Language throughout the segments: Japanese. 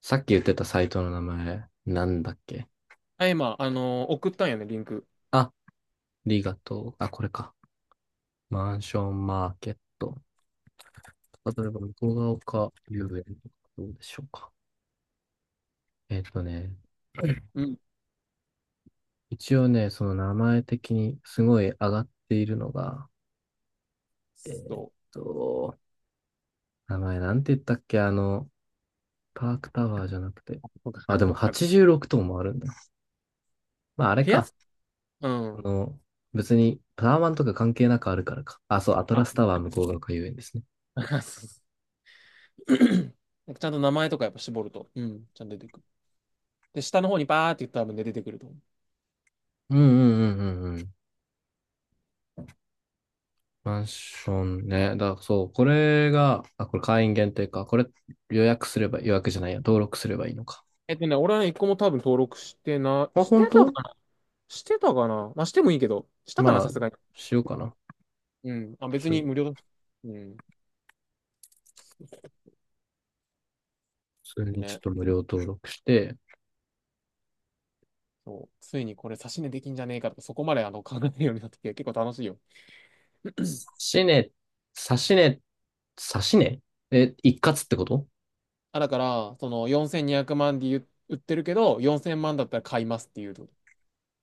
さっき言ってたサイトの名前、なんだっけ。あ、今、送ったんやね、リンク。あ、リガとう。あ、これか。マンションマーケット。例えば、向ヶ丘遊園とかどうでしょうか。えっとね、うん。一応ね、その名前的にすごい上がっているのが、えーっそと、名前なんて言ったっけ、パークタワーじゃなくて。う。とか、あ、なでともか、なとか。86棟もあるんだ。まあ、あれ部屋、か。うあん。の、別にタワマンとか関係なくあるからか。あ、そう、アトラあ、スタワー向ヶ丘遊園ですね。そうそう なんかちゃんと名前とかやっぱ絞ると、うん、ちゃんと出てくる。で、下の方にバーって言ったら多分ね出てくると思う。うんうんうんうんうん。マンションね。そう、これが、あ、これ会員限定か。これ予約すれば、予約じゃないや、登録すればいいのか。俺はね、一個も多分登録まあ、して本た当、かなしてたかなまあ、してもいいけど、したかなまあ、さすがに。しようかな。うん。あ、別に普無料だし。うん。通にちょっね。と無料登録して、そう。ついにこれ差し値できんじゃねえかとか、そこまで考えるようになってきて、結構楽しいよ。指値、差し値、差し値え、一括ってこと。あ、だから、その4200万で言う売ってるけど、4000万だったら買いますっていうと。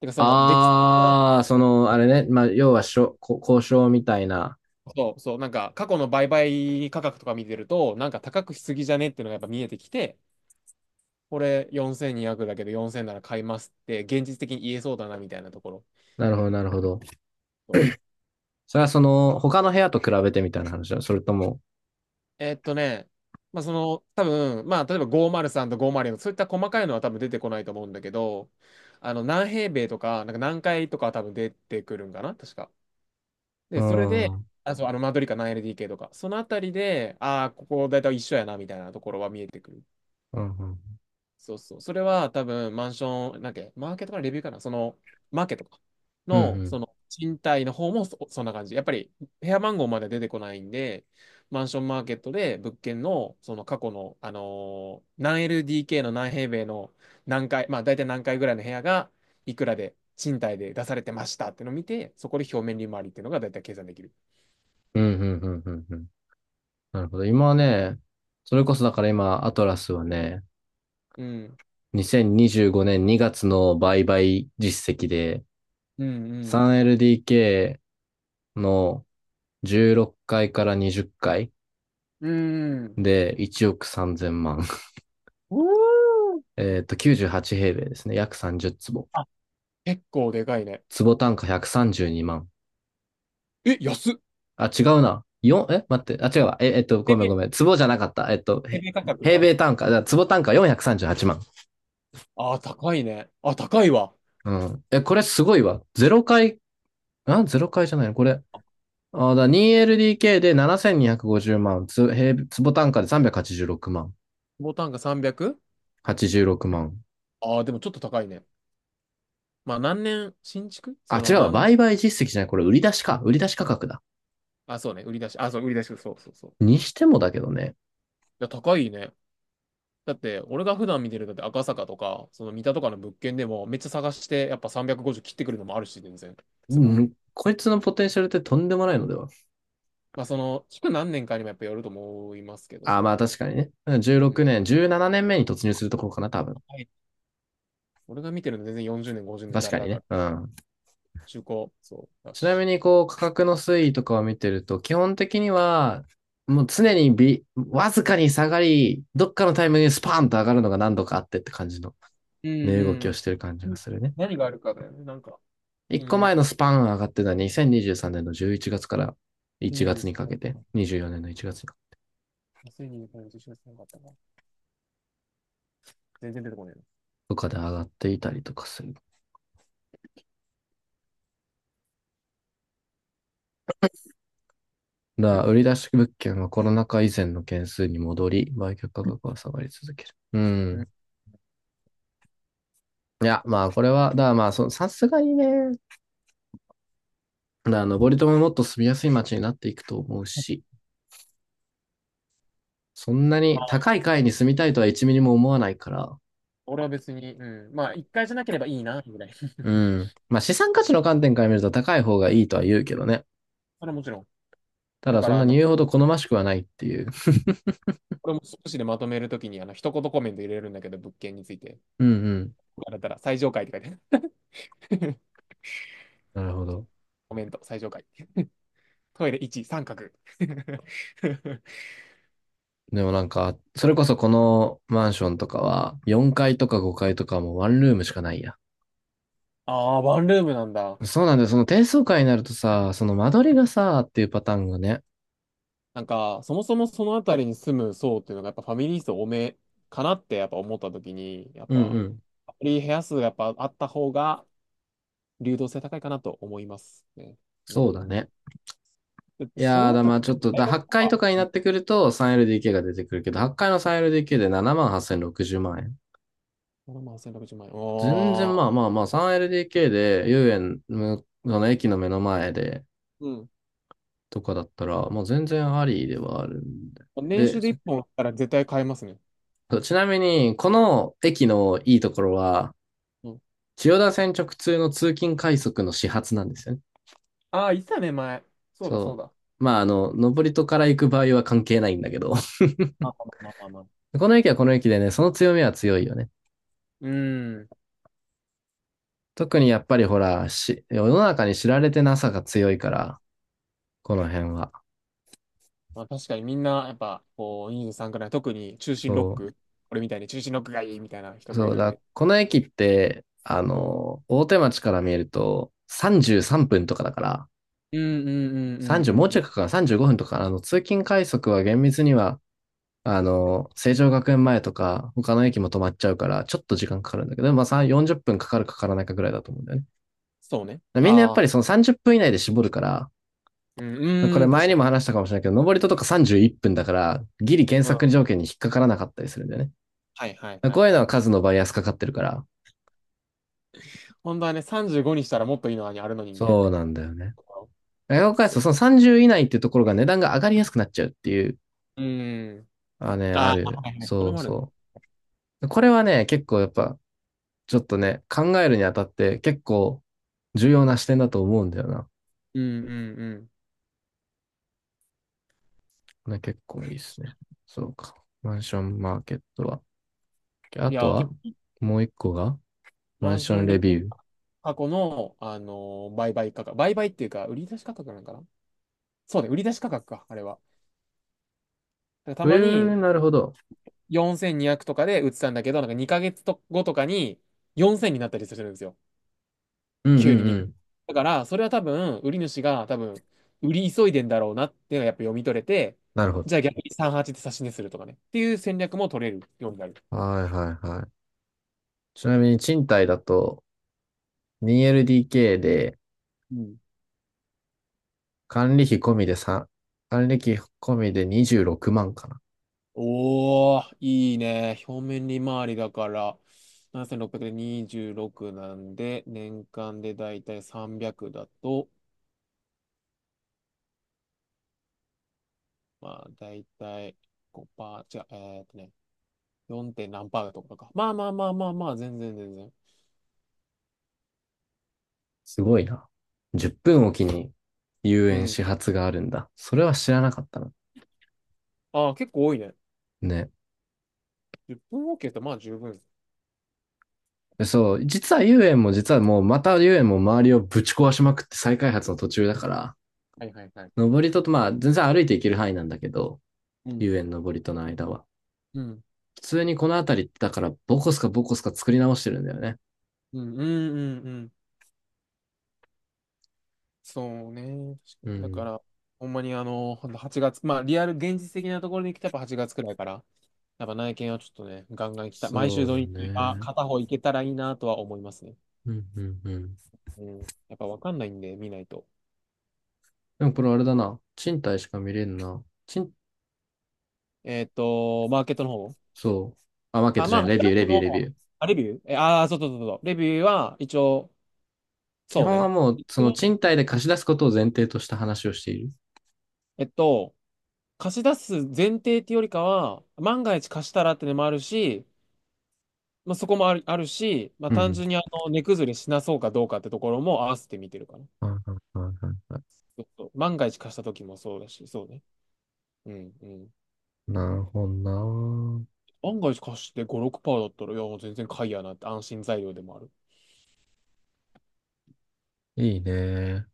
てか、その、でき、ああー、あれね。まあ、要はしょ、こ交渉みたいな。そうそう、なんか過去の売買価格とか見てると、なんか高くしすぎじゃねっていうのがやっぱ見えてきて、これ4200だけど4000なら買いますって現実的に言えそうだなみたいなところ。なるほど、なるほど。そう、それは他の部屋と比べてみたいな話だ。それとも、えーっとね、まあその多分、まあ例えば503と504とごまるよんそういった細かいのは多分出てこないと思うんだけど、あの何平米とか、なんか何回とかは多分出てくるんかな、確か。うで、ーそれで、ん、うん、あ、そう、マドリカ何 l d k とか、そのあたりで、ああ、ここ大体一緒やな、みたいなところは見えてくる。うん、そうそう。それは多分、マンション、なんだっけ、マーケットかな、レビューかな、その、マーケットかうんうの、ん。その、賃貸の方もそんな感じ。やっぱり、部屋番号まで出てこないんで、マンションマーケットで物件の、その過去の、何 LDK の何平米の何階、まあ大体何階ぐらいの部屋が、いくらで、賃貸で出されてましたってのを見て、そこで表面利回りっていうのが大体計算できる。うん、うん、うん、うん。うん。なるほど。今はね、それこそだから今、アトラスはね、うん。2025年2月の売買実績で、うん 3LDK の16回かいから20回うん。うーん。で1億3000万。うーん。98平米ですね。約30坪。あ、結構でかいね。坪単価132万。え、安っ。あ、違うな。4、え待って。あ、違うわ。ペごめんペ、ごめん。坪じゃなかった。ペペ価格平が。米単価、だから坪単価438万。ああ、高いね。あ、高いわ。うん。え、これすごいわ。0回。あ、ゼロ回じゃないのこれ。あ、あ、2LDK で7250万、坪単価で386万、ボタンが 300? 86万。ああー、でもちょっと高いね。まあ、何年、新築あ、そ違の、うわ、なん、売買実績じゃない。これ売り出しか、売り出し価格だ。あ、そうね、売り出し、あ、そう、売り出し、そうそうそう。いにしてもだけどね。や、高いね。だって、俺が普段見てる、だって赤坂とか、その三田とかの物件でも、めっちゃ探して、やっぱ350切ってくるのもあるし、全然、う坪。ん、こいつのポテンシャルってとんでもないのでは。まあ、その、築何年かにもやっぱよると思いますけど、あ、そうまあね。確かにね。じゅうろうん。くねん16年、17年目に突入するところかな、多分。俺が見てるの全然40年、50年確ザラかにだかね。ら、うん。中古、そうだちなみし。にこう価格の推移とかを見てると、基本的にはもう常にびわずかに下がり、どっかのタイミングでスパーンと上がるのが何度かあってって感じのうん値う動きをんしてる感じうがん。するね。何があるかだよね。なんか、一金個前の融、スパーン上がってた2023年の11月から1月にかけて、23、24年の1月2023年、11月なかったかな。全然出てこないとかで上がっていたりとかする。だの。からん売り出し物件はコロナ禍以前の件数に戻り、売却価格は下がり続ける。ううん。ん。いや、まあこれは、だからまあそ、さすがにね、登戸ももっと住みやすい街になっていくと思うし、そんなまにあ、高い階に住みたいとは1ミリも思わないから、俺は別に、うん。まあ、一回じゃなければいいな、ぐらい。そうん。まあ資産価値の観点から見ると高い方がいいとは言うけどね。れはもちろん。ただだかそんら、なに言うほど好ましくはないっていう。これも少しでまとめるときに、一言コメント入れるんだけど、物件について。うんうん。あれたら、最上階って書いてある。なるほど。コメント、最上階。トイレ1、三角。でもなんか、それこそこのマンションとかは、4階とか5階とかもワンルームしかないや。ああ、ワンルームなんだ。そうなんだよ。その低層階になるとさ、その間取りがさ、っていうパターンがね。なんか、そもそもその辺りに住む層っていうのが、やっぱファミリー層多めかなってやっぱ思った時に、やっうんうぱ、ん。ファミリー部屋数がやっぱあった方が、流動性高いかなと思いますね。うそうだん。ね。で、いそのやーだ、辺まあちょっり、と、大学8と回か、とかになってくると 3LDK が出てくるけど、8回の 3LDK で7万8060万円。7万1600万円。全然おまあまあまあ 3LDK で遊園のその駅の目の前でー。うん。とかだったら、もう全然ありではあるん年で。収で、でそ1本あったら絶対買えますね。う、ちなみに、この駅のいいところは、うん。千代田線直通の通勤快速の始発なんですよね。ああ、いつだね、前。そうだ、そうそだ。う。まあ登戸から行く場合は関係ないんだけど、まあまあまあまあまあ。この駅はこの駅でね、その強みは強いよね。うん。特にやっぱりほら、世の中に知られてなさが強いから、この辺は。まあ確かにみんな、やっぱ、こう、23くらい、特に中心ロッそク、俺みたいに中心ロックがいいみたいな人う。もいそうるんだ、で、この駅って、うん。大手町から見えると33分とかだから、うんうんうんうん30、もううんうちょいん。かかる35分とか、通勤快速は厳密には、成城学園前とか、他の駅も止まっちゃうから、ちょっと時間かかるんだけど、まあ3、40分かかるかからないかぐらいだと思うんだよね。そうね。みんなやっあぱりあ。その30分以内で絞るから、うこん、うれん、前確かにに。も話したかもしれないけど、登り戸とか31分だから、ギリ検うん。索条件に引っかからなかったりするんだよはいはいね。はこいういうのははい。数のバイアスかかってるから、本当はね、35にしたらもっといいのにあるのにみたいそな。うなんだよね。外国開発そとう。その30以内っていうところが値段が上がりやすくなっちゃうっていう、うん。あね、あああ、る。はいはい。これそうもあるの。そう。これはね、結構やっぱ、ちょっとね、考えるにあたって結構重要な視点だと思うんだよな。うんうんうね、結構いいですね。そうか。マンションマーケットは。あん。いとや、けはもう一個がママンンシショョンンレレンビュー。タ過去の、売買価格。売買っていうか、売り出し価格なのかな。そうね、売り出し価格か、あれは。なんかたえまー、になるほど。4200とかで売ってたんだけど、なんか2ヶ月と後とかに4000になったりするんですよ。うんうん急にうに。ん。だから、それは多分、売り主が多分、売り急いでんだろうなっていうのがやっぱ読み取れて、なるほど。じゃあ逆に38で差し値するとかね。っていう戦略も取れるようになる。はいはいはい。ちなみに賃貸だと 2LDK でうん。管理費込みで3、管理費込みで26万かな。おー、いいね。表面利回りだから、7600で26なんで、年間でだいたい300だと、まあ、だいたいごパー違う、4. 点何パーだとかか。まあまあまあまあまあ、全然全然。すごいな。10分おきに遊う園ん。始発があるんだ。それは知らなかったな。ああ、結構多いね。ね。10分ケーってまあ十分。でそう、実は遊園も実はもうまた遊園も周りをぶち壊しまくって再開発の途中だから、はいはいはい。登り戸とまあ全然歩いていける範囲なんだけど、う遊ん。園登り戸の間は。うん。普通にこの辺りってだからボコスかボコスか作り直してるんだよね。うん。うん。うんうん。そうね。確かうにだかん。ら、ほんまにほんと月、まあ、リアル、現実的なところに来たやっぱ8月くらいから、やっぱ内見はちょっとね、ガンガン来た。毎そ週う土だ日はね。片方行けたらいいなとは思いますね。うん、うん、うん。うん。やっぱわかんないんで、見ないと。でもこれあれだな。賃貸しか見れんな。マーケットの方。そう。あ、マーケッあ、トじゃまなあ、い。レ少ビュなー、レくビュー、レビュも、ー。あ、レビューえ、あー、そうそうそうそう。レビューは、一応、基そう本はね。もう、一その応、賃貸で貸し出すことを前提とした話をしている。えっと、貸し出す前提っていうよりかは、万が一貸したらってのもあるし、まあ、そこもある、あるし、まあ、うん、う単ん。純に値崩れしなそうかどうかってところも合わせて見てるかな。はいはいはいはい。そうそう万が一貸した時もそうだし、そうね。うん、うん。なるほどな。万が一貸して5、6%だったら、いや、もう全然買いやなって安心材料でもある。いいね。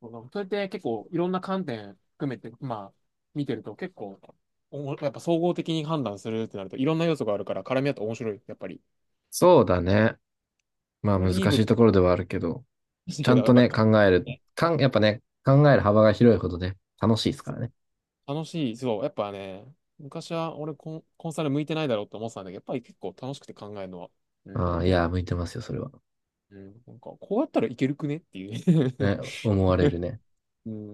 そう、なんかそれって結構いろんな観点含めて、まあ、見てると結構、おもやっぱ総合的に判断するってなると、いろんな要素があるから、絡み合って面白い、やっぱり。そうだね。まあこれ難でいい部しいと分ころではあるけど、だちゃけんど、とばっね、か。考える、ね、かん、やっぱね、考える幅が広いほどね、楽しいですからね。楽しい。そう、やっぱね、昔は俺コンサル向いてないだろうって思ってたんだけど、やっぱり結構楽しくて考えるのは。うあん。あ、いや、向いてますよ、それは。うん。なんか、こうやったらいけるくねっていう。ね、思われるね。うん。